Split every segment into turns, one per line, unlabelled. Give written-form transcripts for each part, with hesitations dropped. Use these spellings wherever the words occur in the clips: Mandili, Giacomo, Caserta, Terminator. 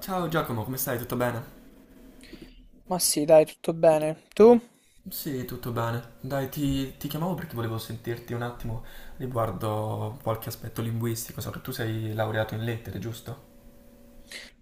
Ciao Giacomo, come stai? Tutto bene?
Ma sì, dai, tutto bene. Tu?
Sì, tutto bene. Dai, ti chiamavo perché volevo sentirti un attimo riguardo qualche aspetto linguistico, so che tu sei laureato in lettere, giusto?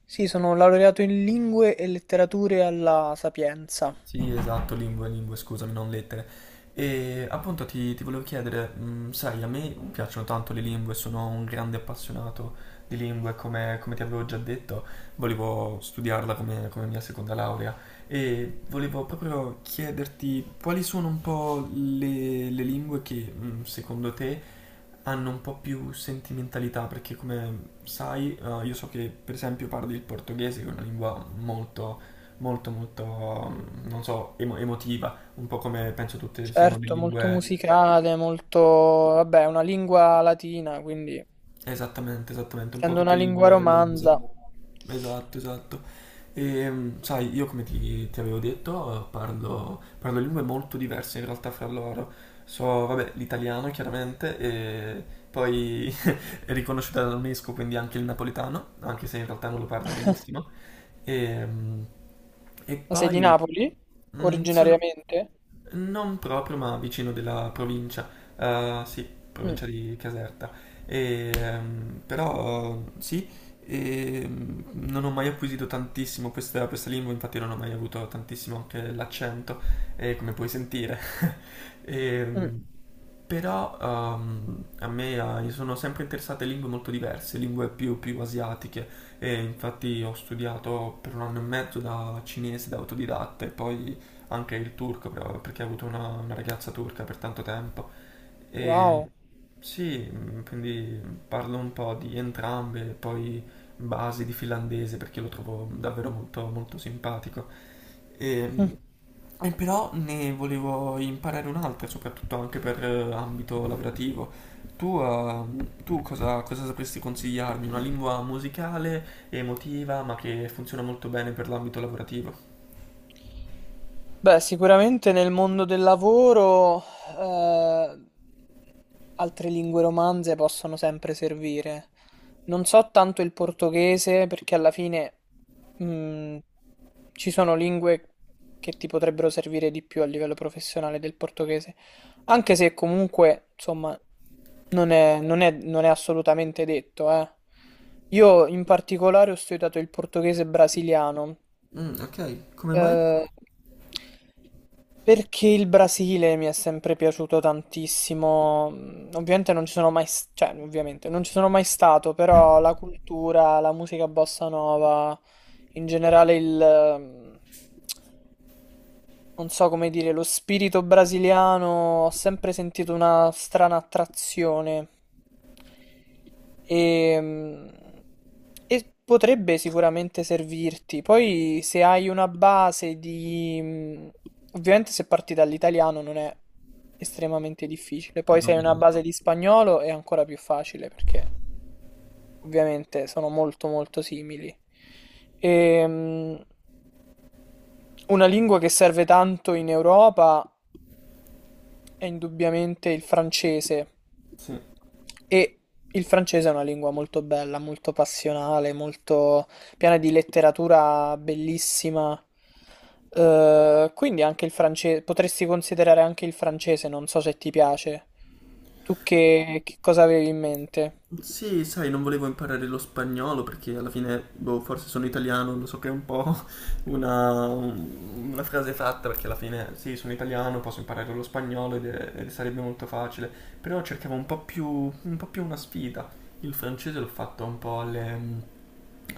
Sì, sono laureato in lingue e letterature alla Sapienza.
Sì, esatto, lingue, scusami, non lettere. E appunto ti volevo chiedere, sai, a me piacciono tanto le lingue, sono un grande appassionato di lingue, come ti avevo già detto, volevo studiarla come mia seconda laurea e volevo proprio chiederti quali sono un po' le lingue che secondo te hanno un po' più sentimentalità, perché come sai, io so che per esempio parli il portoghese, che è una lingua molto molto molto, non so, emotiva, un po' come penso tutte siano le
Certo, molto
lingue,
musicale, molto, vabbè, una lingua latina, quindi
esattamente, esattamente, un po'
essendo una
tutte le
lingua
lingue romanze.
romanza.
Esatto, esatto. E, sai, io come ti avevo detto, parlo lingue molto diverse in realtà fra loro. So, vabbè, l'italiano chiaramente, e poi è riconosciuta dall'UNESCO, quindi anche il napoletano, anche se in realtà non lo parlo benissimo. E, mh, e
Ma sei di
poi
Napoli?
sono
Originariamente?
non proprio, ma vicino della provincia, eh, sì,
Mm,
provincia di Caserta. E, però sì, e non ho mai acquisito tantissimo questa lingua, infatti non ho mai avuto tantissimo anche l'accento, come puoi sentire. E,
mm.
però a me mi sono sempre interessate lingue molto diverse, più asiatiche e infatti ho studiato per 1 anno e mezzo da cinese, da autodidatta e poi anche il turco però, perché ho avuto una ragazza turca per tanto tempo e
Wow.
sì, quindi parlo un po' di entrambe, poi basi di finlandese perché lo trovo davvero molto simpatico. E, e però ne volevo imparare un'altra, soprattutto anche per ambito lavorativo. Tu, tu cosa sapresti consigliarmi? Una lingua musicale, emotiva, ma che funziona molto bene per l'ambito lavorativo.
Beh, sicuramente nel mondo del lavoro eh, altre lingue romanze possono sempre servire. Non so tanto il portoghese perché alla fine mh, ci sono lingue che ti potrebbero servire di più a livello professionale del portoghese, anche se comunque, insomma, non è assolutamente detto, eh. Io in particolare ho studiato il portoghese brasiliano
Mm, ok, come mai?
eh, perché il Brasile mi è sempre piaciuto tantissimo. Ovviamente non ci sono mai, s- Cioè, ovviamente non ci sono mai stato, però la cultura, la musica bossa nova, in generale mhmm, non so come dire, lo spirito brasiliano, ho sempre sentito una strana attrazione. E, mm, e potrebbe sicuramente servirti. Poi se hai una base di... mm, Ovviamente se parti dall'italiano non è estremamente difficile. Poi
No,
se hai una
no.
base di spagnolo è ancora più facile perché ovviamente sono molto molto simili. E, mm, una lingua che serve tanto in Europa è indubbiamente il francese,
Sì.
e il francese è una lingua molto bella, molto passionale, molto piena di letteratura bellissima. Quindi anche il francese, potresti considerare anche il francese, non so se ti piace. Tu che cosa avevi in mente?
Sì, sai, non volevo imparare lo spagnolo perché alla fine, boh, forse sono italiano, lo so che è un po' una frase fatta perché alla fine, sì, sono italiano, posso imparare lo spagnolo ed, ed sarebbe molto facile, però cercavo un po' più una sfida. Il francese l'ho fatto un po' alle,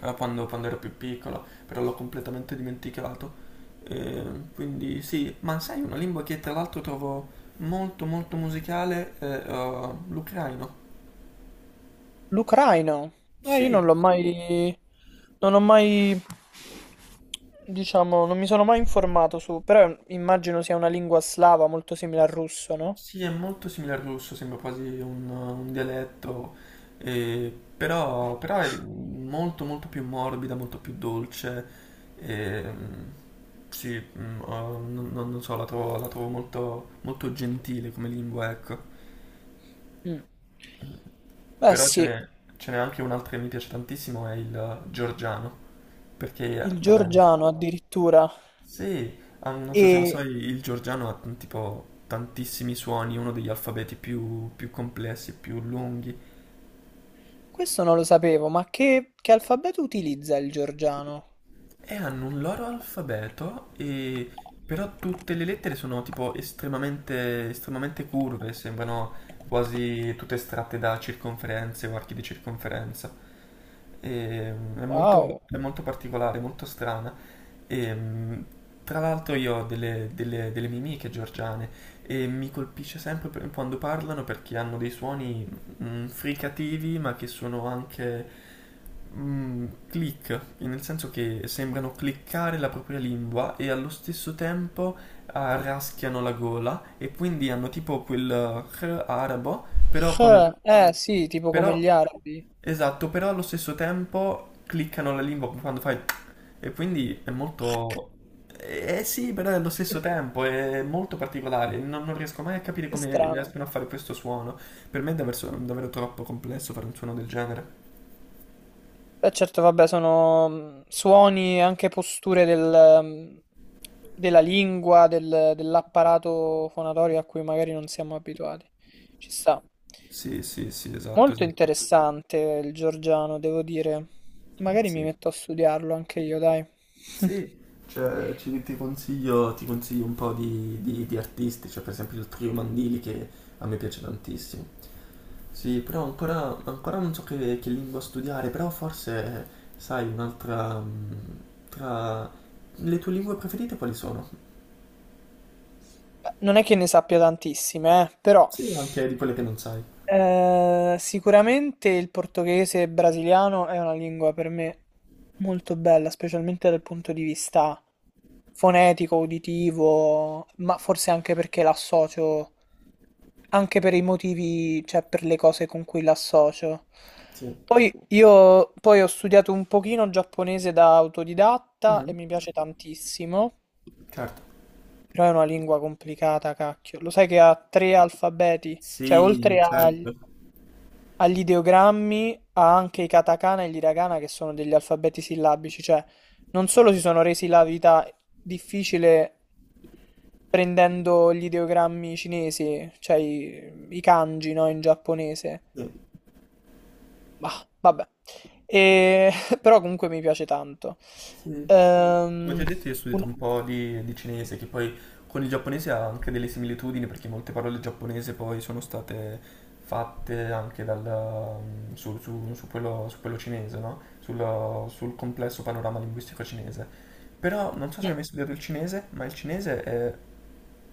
a quando ero più piccolo, però l'ho completamente dimenticato. Eh, quindi sì, ma sai, una lingua che tra l'altro trovo molto molto musicale è l'ucraino.
L'Ucraina? Io non
Sì.
l'ho mai. Non ho mai. Diciamo, non mi sono mai informato su. Però immagino sia una lingua slava molto simile al russo, no?
Sì, è molto simile al russo, sembra quasi un dialetto, però è molto molto più morbida, molto più dolce. ehm, sì, non so, la trovo molto, molto gentile come lingua, ecco.
Mm. Beh
Però
sì,
ce n'è anche un'altra che mi piace tantissimo, è il georgiano, perché,
il
va bene,
georgiano addirittura.
sì, ah, non so se lo
E
sai, il georgiano ha tipo tantissimi suoni, uno degli alfabeti più complessi e più lunghi.
questo non lo sapevo, ma che alfabeto utilizza il georgiano?
E hanno un loro alfabeto, e però tutte le lettere sono tipo estremamente curve, sembrano quasi tutte estratte da circonferenze o archi di circonferenza. E,
Wow.
è molto particolare, molto strana. E, tra l'altro io ho delle mie amiche georgiane e mi colpisce sempre quando parlano perché hanno dei suoni fricativi ma che sono anche click, nel senso che sembrano cliccare la propria lingua e allo stesso tempo ah, raschiano la gola e quindi hanno tipo quel r arabo però
H.
con...
Eh sì, tipo come
Però,
gli arabi.
esatto, però allo stesso tempo cliccano la lingua quando fai... E quindi è molto... eh sì, però è allo stesso tempo è molto particolare. Non, non riesco mai a capire
Che
come
strano.
riescono a fare questo suono. Per me è davvero, davvero troppo complesso fare un suono del genere.
Beh, certo, vabbè, sono suoni e anche posture della lingua, dell'apparato fonatorio a cui magari non siamo abituati. Ci sta.
Sì, sì, sì, esatto,
Molto
esatto.
interessante il georgiano, devo dire. Magari mi
Sì.
metto a studiarlo anche io, dai.
Sì, cioè, ti consiglio un po' di artisti, cioè per esempio il trio Mandili che a me piace tantissimo. Sì, però ancora, ancora non so che lingua studiare, però forse, sai, un'altra... tra le tue lingue preferite quali sono?
Beh, non è che ne sappia tantissime, però
Sì, anche di quelle che non sai.
Sicuramente il portoghese brasiliano è una lingua per me molto bella, specialmente dal punto di vista fonetico, uditivo, ma forse anche perché l'associo, anche per i motivi, cioè per le cose con cui l'associo.
Sì.
Poi io poi ho studiato un pochino giapponese da autodidatta e
Mhm.
mi piace tantissimo,
Certo.
però è una lingua complicata, cacchio. Lo sai che ha tre alfabeti, cioè
Sì,
oltre agli...
certo.
Agli ideogrammi, a anche i katakana e gli hiragana, che sono degli alfabeti sillabici, cioè non solo si sono resi la vita difficile prendendo gli ideogrammi cinesi, cioè i kanji, no, in giapponese.
Sì.
Bah, vabbè. E- Però comunque mi piace tanto.
Sì. Come ti ho
Ehm,
detto, io ho studiato
un-
un po' di cinese, che poi con il giapponese ha anche delle similitudini, perché molte parole giapponese poi sono state fatte anche dal, su quello cinese, no? Sul complesso panorama linguistico cinese. Però non so se hai
Mm.
mai studiato il cinese, ma il cinese è,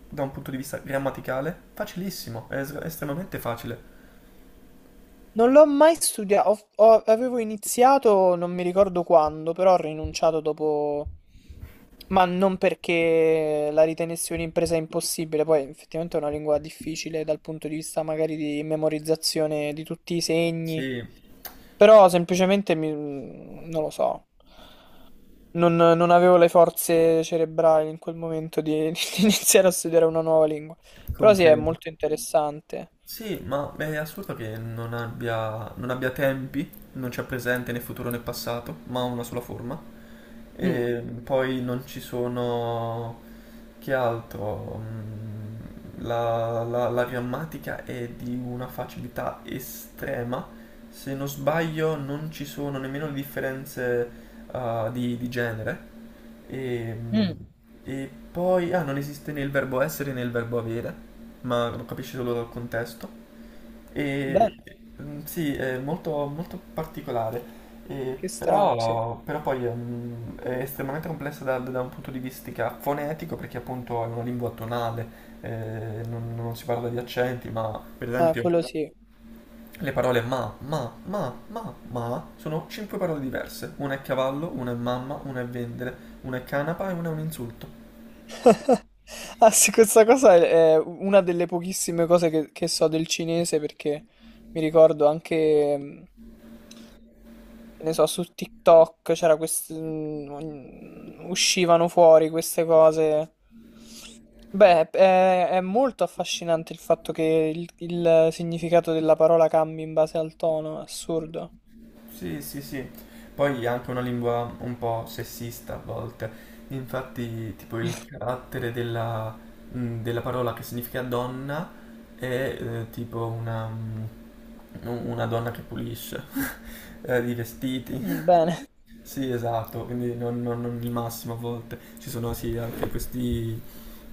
da un punto di vista grammaticale, facilissimo, estremamente facile.
Non l'ho mai studiato, avevo iniziato, non mi ricordo quando, però ho rinunciato dopo, ma non perché la ritenessi un'impresa impossibile. Poi effettivamente è una lingua difficile dal punto di vista magari di memorizzazione di tutti i segni,
Sì,
però semplicemente non lo so, non avevo le forze cerebrali in quel momento di, di iniziare a studiare una nuova lingua, però sì, è
comprendo.
molto interessante.
Sì, ma è assurdo che non abbia tempi, non c'è presente né futuro né passato, ma ha una sola forma.
Mm.
E poi non ci sono... che altro? La grammatica è di una facilità estrema. Se non sbaglio, non ci sono nemmeno le differenze, ah, di genere. E,
Mm.
e poi, ah, non esiste né il verbo essere né il verbo avere, ma lo capisci solo dal contesto. E,
Bene.
sì, è molto, molto particolare, e
Che strano, sì.
però poi è estremamente complessa da un punto di vista fonetico perché appunto è una lingua tonale, non si parla di accenti, ma per
Ah,
esempio
quello sì.
le parole ma sono 5 parole diverse, una è cavallo, una è mamma, una è vendere, una è canapa e una è un insulto.
Ah sì, questa cosa è una delle pochissime cose che so del cinese, perché mi ricordo anche, che ne so, su TikTok c'era uscivano fuori queste cose. Beh, è molto affascinante il fatto che il significato della parola cambi in base al tono, è assurdo.
Sì, sì, sì. Poi è anche una lingua un po' sessista a volte. Infatti, tipo il carattere della, della parola che significa donna è tipo una donna che pulisce i
Mm,
vestiti.
bene.
Sì, esatto, quindi non il massimo a volte. Ci sono sì anche questi,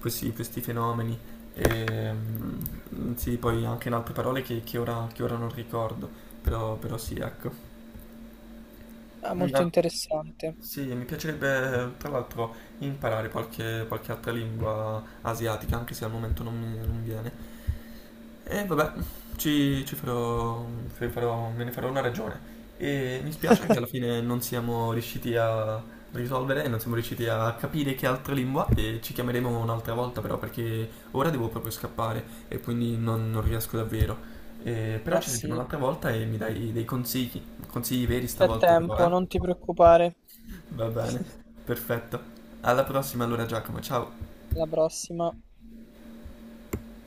questi fenomeni. E, sì, poi anche in altre parole che ora non ricordo, però sì, ecco.
Ah, molto
Una...
interessante.
Sì, mi piacerebbe tra l'altro imparare qualche, qualche altra lingua asiatica, anche se al momento non viene. E vabbè,
Mm,
ci, ci farò, fe- farò- me ne farò una ragione. E mi spiace che alla fine non siamo riusciti a risolvere, non siamo riusciti a capire che altra lingua e ci chiameremo un'altra volta però perché ora devo proprio scappare e quindi non riesco davvero. Però
ma
ci sentiamo
sì.
un'altra volta e mi dai dei consigli, consigli veri
C'è
stavolta però,
tempo, non
eh?
ti preoccupare.
Va bene, perfetto. Alla prossima allora Giacomo, ciao.
La prossima.